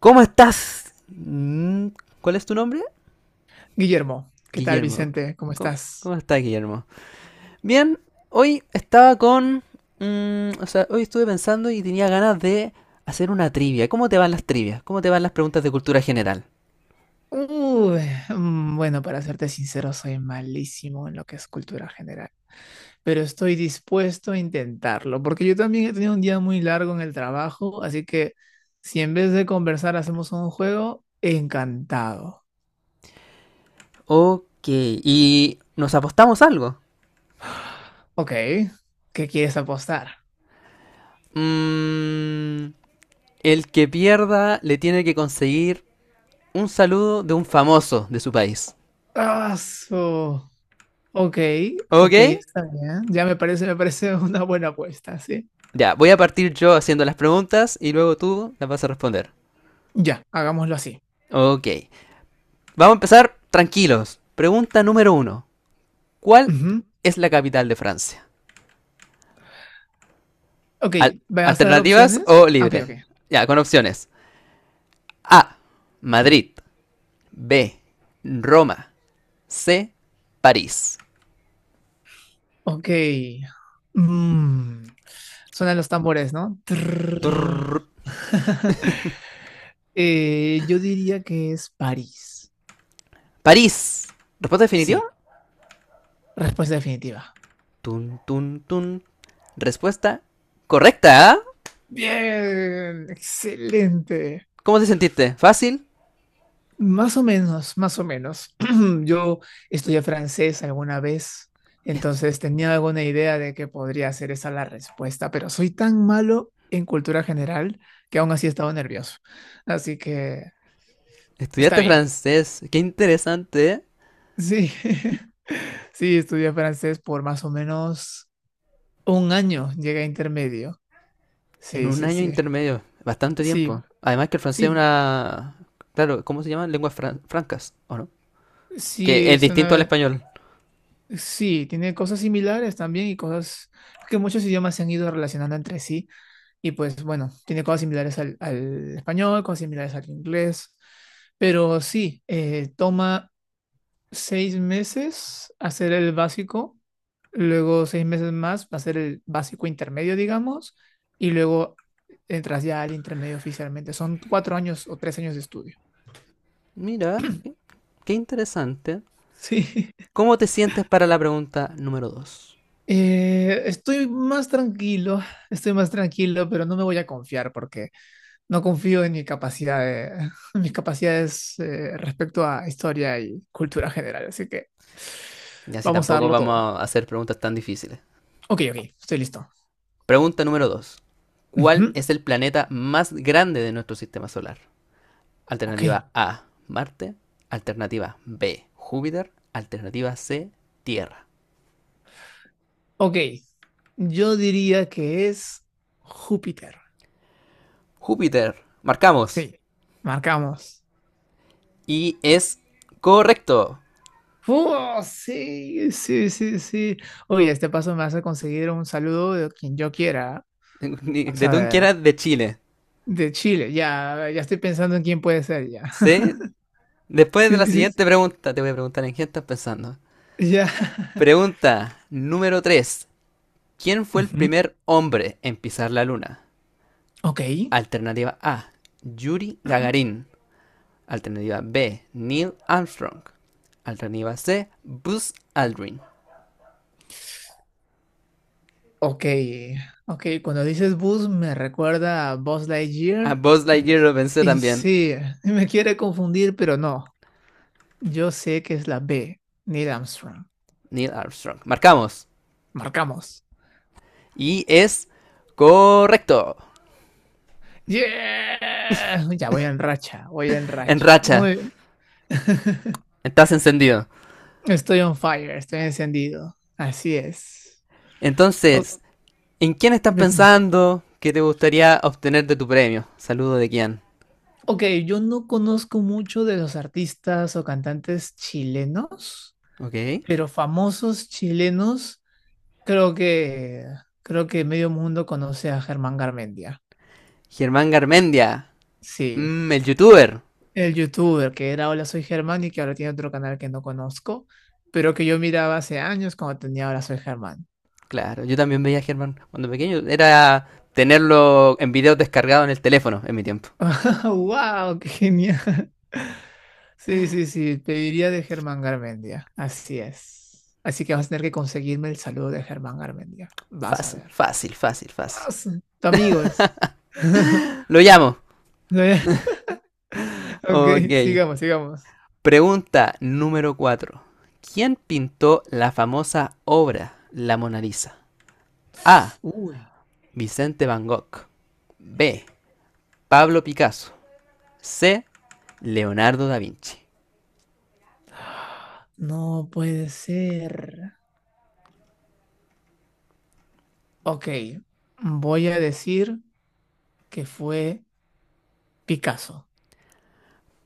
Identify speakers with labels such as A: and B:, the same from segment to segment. A: ¿Cómo estás? ¿Cuál es tu nombre?
B: Guillermo, ¿qué tal,
A: Guillermo.
B: Vicente? ¿Cómo
A: ¿Cómo
B: estás?
A: estás, Guillermo? Bien, hoy estaba con... o sea, hoy estuve pensando y tenía ganas de hacer una trivia. ¿Cómo te van las trivias? ¿Cómo te van las preguntas de cultura general?
B: Uy, bueno, para serte sincero, soy malísimo en lo que es cultura general, pero estoy dispuesto a intentarlo, porque yo también he tenido un día muy largo en el trabajo, así que si en vez de conversar hacemos un juego, encantado.
A: Ok, y nos apostamos algo.
B: Ok, ¿qué quieres apostar?
A: Mm, el que pierda le tiene que conseguir un saludo de un famoso de su país.
B: Ah, su- Ok,
A: ¿Ok?
B: ok, está bien. Ya me parece una buena apuesta, ¿sí?
A: Ya, voy a partir yo haciendo las preguntas y luego tú las vas a responder.
B: Ya, hagámoslo así.
A: Ok. Vamos a empezar tranquilos. Pregunta número uno. ¿Cuál es la capital de Francia?
B: Ok,
A: Al-
B: ¿me ¿vas a dar
A: ¿Alternativas
B: opciones?
A: o
B: Ah, ok, ok.
A: libre? Ya, con opciones. A. Madrid. B. Roma. C. París.
B: Ok. Mm, Suenan los tambores, ¿no? Trrr.
A: Turr.
B: Yo diría que es París.
A: París. ¿Respuesta definitiva?
B: Sí, respuesta definitiva.
A: Tun, tun, tun. Respuesta correcta. ¿Ah?
B: Bien, excelente.
A: ¿Cómo te sentiste? ¿Fácil?
B: Más o menos, más o menos. Yo estudié francés alguna vez,
A: Estu-
B: entonces tenía alguna idea de que podría ser esa la respuesta, pero soy tan malo en cultura general que aún así he estado nervioso. Así que está
A: Estudiaste
B: bien.
A: francés. Qué interesante. ¿Eh?
B: Sí, sí, estudié francés por más o menos un año, llegué a intermedio.
A: En
B: Sí,
A: un
B: sí,
A: año
B: sí.
A: intermedio, bastante
B: Sí,
A: tiempo. Además que el francés es
B: sí,
A: una... Claro, ¿cómo se llaman? Lenguas francas, ¿o no?
B: sí,
A: Que es
B: es
A: distinto al
B: una.
A: español.
B: Sí, tiene cosas similares también y cosas que muchos idiomas se han ido relacionando entre sí. Y pues bueno, tiene cosas similares al español, cosas similares al inglés. Pero sí, toma 6 meses hacer el básico, luego 6 meses más hacer el básico intermedio, digamos, y luego entras ya al intermedio oficialmente. Son cuatro años o 3 años de estudio.
A: Mira, qué interesante.
B: Sí.
A: ¿Cómo te sientes para la pregunta número dos?
B: Eh, estoy más tranquilo, estoy más tranquilo, pero no me voy a confiar porque no confío en mi capacidad en mis capacidades, respecto a historia y cultura general, así que
A: Y así
B: vamos a
A: tampoco
B: darlo
A: vamos
B: todo.
A: a hacer preguntas tan difíciles.
B: Ok, ok, estoy listo.
A: Pregunta número 2. ¿Cuál
B: Ujú.
A: es el planeta más grande de nuestro sistema solar?
B: Ok,
A: Alternativa A, Marte. Alternativa B, Júpiter. Alternativa C, Tierra.
B: ok. Yo diría que es Júpiter.
A: Júpiter. Marcamos.
B: Sí, marcamos.
A: Y es correcto.
B: ¡Oh, sí, sí, sí, sí! Oye, este paso me hace conseguir un saludo de quien yo quiera. Vamos
A: De
B: a
A: tú que
B: ver.
A: era de Chile.
B: De Chile, ya, ya estoy pensando en quién puede ser, ya.
A: ¿Sí? Después de
B: Sí,
A: la
B: sí,
A: siguiente pregunta, te voy a preguntar en qué estás pensando.
B: ya.
A: Pregunta número 3. ¿Quién fue el primer hombre en pisar la luna?
B: Ok,
A: Alternativa A. Yuri Gagarin. Alternativa B. Neil Armstrong. Alternativa C. Buzz Aldrin.
B: ok, ok. Cuando dices bus me recuerda a Buzz
A: A
B: Lightyear
A: Buzz
B: y me...
A: Lightyear lo pensé
B: Y
A: también.
B: sí, y me quiere confundir, pero no. Yo sé que es la B, Neil Armstrong.
A: Neil Armstrong. Marcamos.
B: Marcamos.
A: Y es correcto.
B: ¡Yeah! Ya voy en racha, voy en
A: En
B: racha.
A: racha.
B: Muy bien.
A: Estás encendido.
B: Estoy on fire, estoy encendido. Así es. O-
A: Entonces, ¿en quién estás
B: Dime, dime.
A: pensando que te gustaría obtener de tu premio? Saludo de quién.
B: Ok, yo no conozco mucho de los artistas o cantantes chilenos,
A: Ok.
B: pero famosos chilenos, Creo que, creo que medio mundo conoce a Germán Garmendia.
A: Germán Garmendia.
B: Sí,
A: El youtuber.
B: el youtuber que era Hola Soy Germán y que ahora tiene otro canal que no conozco, pero que yo miraba hace años cuando tenía Hola Soy Germán.
A: Claro, yo también veía a Germán cuando pequeño. Era tenerlo en video descargado en el teléfono en mi tiempo.
B: ¡Wow! ¡Qué genial! Sí, sí, sí, pediría de Germán Garmendia. Así es. Así que vas a tener que conseguirme el saludo de Germán Garmendia. Vas a
A: Fácil,
B: ver.
A: fácil, fácil, fácil.
B: Vas, Tu amigo es.
A: Lo llamo.
B: Ok,
A: Ok.
B: sigamos, sigamos.
A: Pregunta número 4. ¿Quién pintó la famosa obra La Mona Lisa? A.
B: Uy.
A: Vicente Van Gogh. B. Pablo Picasso. C. Leonardo da Vinci.
B: No puede ser. Ok, voy a decir que fue Picasso.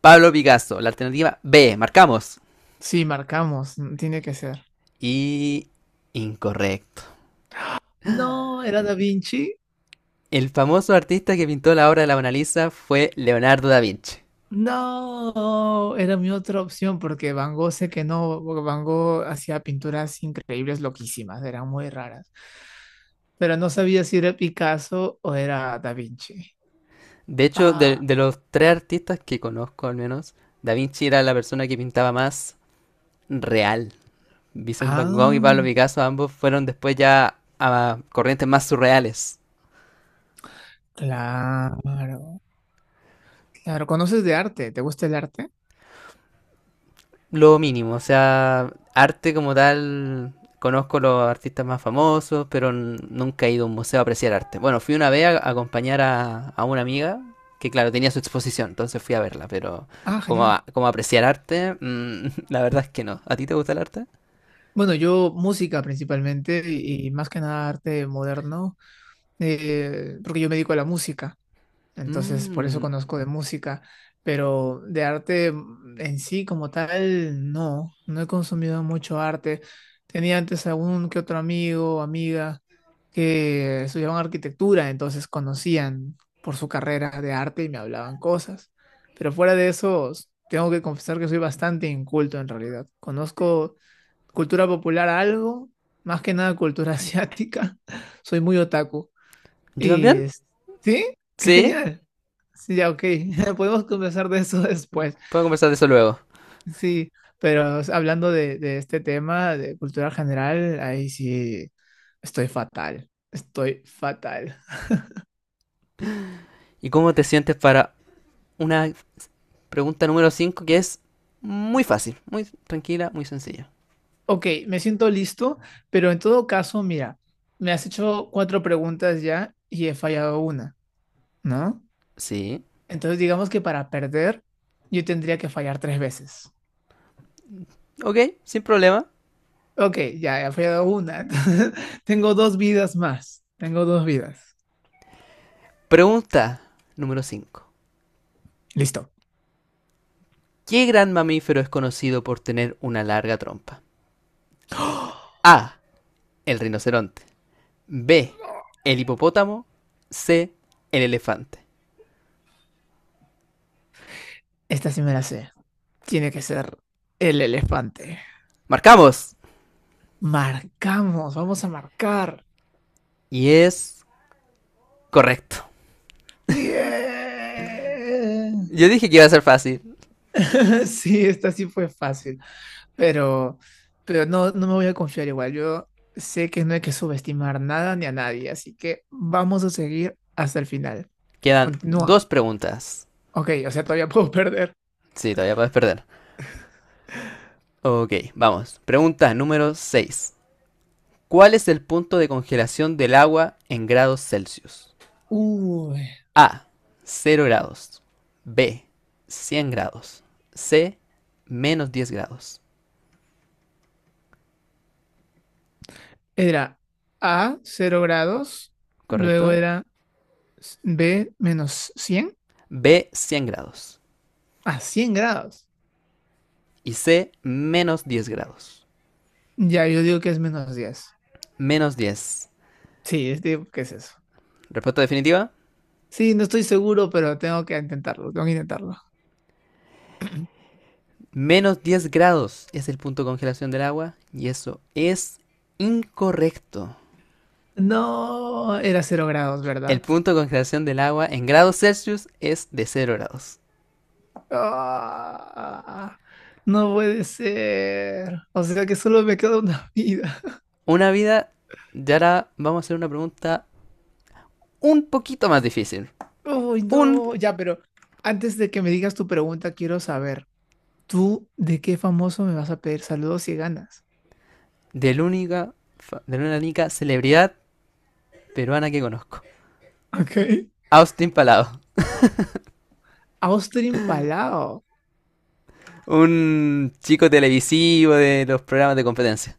A: Pablo Picasso, la alternativa B, marcamos.
B: Sí, marcamos, tiene que ser.
A: Y incorrecto.
B: No, era Da Vinci.
A: El famoso artista que pintó la obra de la Mona Lisa fue Leonardo da Vinci.
B: No, era mi otra opción porque Van Gogh sé que no, porque Van Gogh hacía pinturas increíbles, loquísimas, eran muy raras. Pero no sabía si era Picasso o era Da Vinci.
A: De hecho, de,
B: Ah,
A: de los tres artistas que conozco al menos, da Vinci era la persona que pintaba más real. Vincent Van Gogh y Pablo
B: ah,
A: Picasso ambos fueron después ya a corrientes más surreales.
B: claro, claro. ¿Conoces de arte? ¿Te gusta el arte?
A: Lo mínimo, o sea, arte como tal, conozco los artistas más famosos, pero nunca he ido a un museo a apreciar arte. Bueno, fui una vez a acompañar a una amiga que, claro, tenía su exposición, entonces fui a verla, pero
B: Ah,
A: como,
B: genial.
A: como apreciar arte, la verdad es que no. ¿A ti te gusta el arte?
B: Bueno, yo música principalmente y más que nada arte moderno, porque yo me dedico a la música, entonces por eso
A: Mm,
B: conozco de música, pero de arte en sí como tal, no, no he consumido mucho arte. Tenía antes algún que otro amigo, o amiga que estudiaban arquitectura, entonces conocían por su carrera de arte y me hablaban cosas, pero fuera de eso, tengo que confesar que soy bastante inculto en realidad. Conozco cultura popular algo, más que nada cultura asiática. Soy muy otaku.
A: ¿Yo
B: Y
A: también?
B: es- sí, qué
A: Sí,
B: genial. Sí, ya, ok. Podemos conversar de eso después.
A: puedo conversar de eso luego.
B: Sí, pero o sea, hablando de este tema de cultura general, ahí sí estoy fatal. Estoy fatal.
A: ¿Y cómo te sientes para una pregunta número 5 que es muy fácil, muy tranquila, muy sencilla?
B: Ok, me siento listo, pero en todo caso, mira, me has hecho cuatro preguntas ya y he fallado una, ¿no?
A: Sí,
B: Entonces digamos que para perder, yo tendría que fallar tres veces.
A: ok, sin problema.
B: Ok, ya he fallado una. Entonces, tengo dos vidas más. Tengo dos vidas.
A: Pregunta número 5.
B: Listo.
A: ¿Qué gran mamífero es conocido por tener una larga trompa?
B: ¡Oh!
A: A. El rinoceronte. B. El hipopótamo. C. El elefante.
B: Esta sí me la sé. Tiene que ser el elefante.
A: Marcamos.
B: Marcamos, vamos a marcar.
A: Y es correcto.
B: Bien.
A: Yo dije que iba a ser fácil.
B: Sí, esta sí fue fácil, pero, pero no, no me voy a confiar igual. Yo sé que no hay que subestimar nada ni a nadie, así que vamos a seguir hasta el final.
A: Quedan
B: Continúa.
A: dos preguntas.
B: Ok, o sea, todavía puedo perder.
A: Sí, todavía puedes perder. Ok, vamos. Pregunta número 6. ¿Cuál es el punto de congelación del agua en grados Celsius?
B: Uy.
A: A. Cero grados. B. 100 grados. C. -10 grados.
B: Era A, 0 grados, luego
A: ¿Correcto?
B: era B, menos 100
A: B. Cien grados.
B: a 100 grados.
A: Y C. -10 grados.
B: Ya, yo digo que es -10.
A: Menos diez.
B: Sí, digo, ¿qué es eso?
A: Respuesta definitiva.
B: Sí, no estoy seguro, pero tengo que intentarlo, tengo que intentarlo.
A: -10 grados es el punto de congelación del agua y eso es incorrecto.
B: No, era 0 grados,
A: El
B: ¿verdad?
A: punto de congelación del agua en grados Celsius es de cero grados.
B: Ah, no puede ser. O sea que solo me queda una vida.
A: Una vida, y ahora vamos a hacer una pregunta un poquito más difícil.
B: Uy,
A: Un
B: no, ya, pero antes de que me digas tu pregunta, quiero saber, ¿tú de qué famoso me vas a pedir saludos si ganas?
A: de la única, de la única, celebridad peruana que conozco.
B: Ok.
A: Austin Palado,
B: Austin Palao.
A: un chico televisivo de los programas de competencia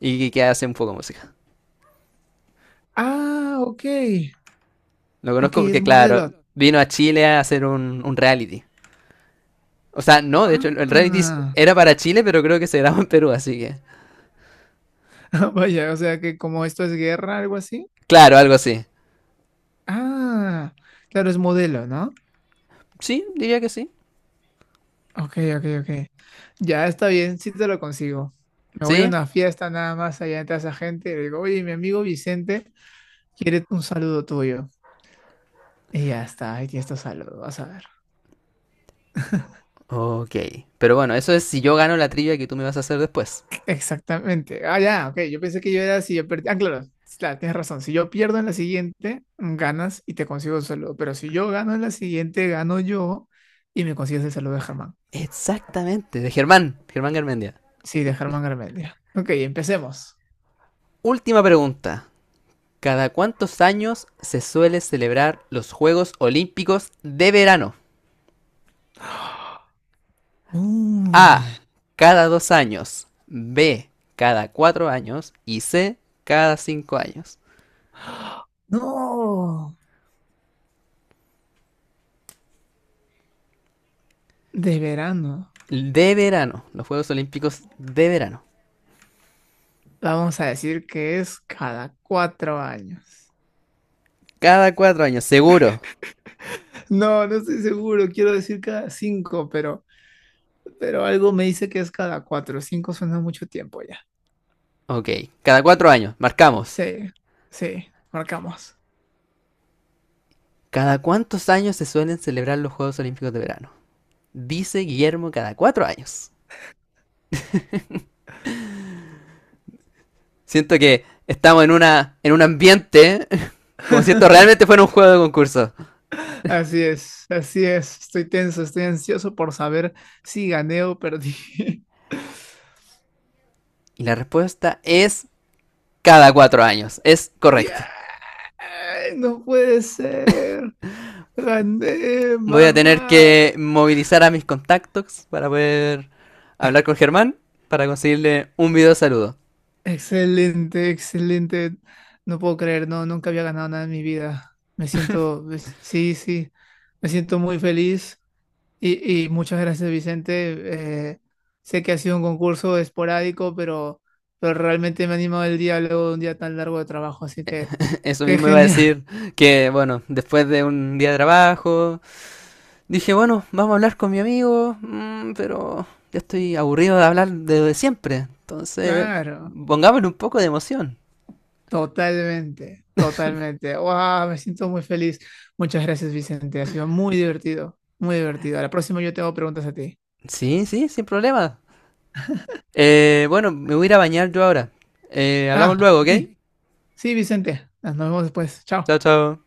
A: y que hace un poco de música.
B: Ah, ok.
A: Lo
B: Ok,
A: conozco
B: es
A: porque, claro,
B: modelo.
A: vino a Chile a hacer un reality. O sea, no, de hecho, el reality
B: Ah,
A: era para Chile, pero creo que se grabó en Perú, así que...
B: vaya, o sea que como esto es guerra, algo así.
A: Claro, algo así.
B: Ah, claro, es modelo, ¿no?
A: Sí, diría que sí.
B: Ok, ok, ok. Ya está bien, sí te lo consigo. Me voy a
A: ¿Sí?
B: una fiesta nada más allá entre esa gente y le digo, oye, mi amigo Vicente quiere un saludo tuyo. Y ya está, aquí está tu saludo, vas a ver.
A: Ok. Pero bueno, eso es si yo gano la trivia que tú me vas a hacer después.
B: Exactamente. Ah, ya, ok. Yo pensé que yo era si yo perdí. Ah, claro, sí, claro, tienes razón. Si yo pierdo en la siguiente, ganas y te consigo el saludo. Pero si yo gano en la siguiente, gano yo y me consigues el saludo de Germán.
A: Exactamente, de Germán, Germán Garmendia.
B: Sí, de Germán Garmendia. Ok, empecemos.
A: Última pregunta. ¿Cada cuántos años se suele celebrar los Juegos Olímpicos de verano? A.
B: Uy,
A: Cada dos años. B. Cada cuatro años. Y C. Cada cinco años.
B: no, de verano.
A: De verano. Los Juegos Olímpicos de verano.
B: La vamos a decir que es cada 4 años.
A: Cada cuatro años, seguro.
B: No, no estoy seguro. Quiero decir cada cinco, pero algo me dice que es cada cuatro. Cinco suena mucho tiempo.
A: Ok. Cada cuatro años. Marcamos.
B: Sí, sí, marcamos.
A: ¿Cada cuántos años se suelen celebrar los Juegos Olímpicos de verano? Dice Guillermo cada cuatro años. Siento que estamos en una en un ambiente como si esto realmente fuera un juego de concurso.
B: Así es, así es. Estoy tenso, estoy ansioso por saber si gané o perdí.
A: Y la respuesta es cada cuatro años. Es correcto.
B: ¡Yeah! No puede ser. Gané,
A: Voy a tener
B: mamá.
A: que movilizar a mis contactos para poder hablar con Germán para conseguirle un video saludo.
B: Excelente, excelente. No puedo creer, no, nunca había ganado nada en mi vida. Me siento, sí, sí, me siento muy feliz. Y muchas gracias, Vicente. Sé que ha sido un concurso esporádico, pero realmente me ha animado el día luego de un día tan largo de trabajo, así que
A: Eso
B: qué
A: mismo iba a
B: genial.
A: decir que, bueno, después de un día de trabajo, dije, bueno, vamos a hablar con mi amigo, pero ya estoy aburrido de hablar de, siempre. Entonces,
B: Claro,
A: pongámosle un poco de emoción.
B: totalmente, totalmente. ¡Wow! Me siento muy feliz. Muchas gracias, Vicente. Ha sido muy divertido, muy divertido. A la próxima yo te hago preguntas a ti.
A: Sí, sí, sin problema. Bueno, me voy a ir a bañar yo ahora. Hablamos
B: Ah,
A: luego, ¿ok?
B: ok. Sí, Vicente. Nos vemos después. Chao.
A: Chao, chao.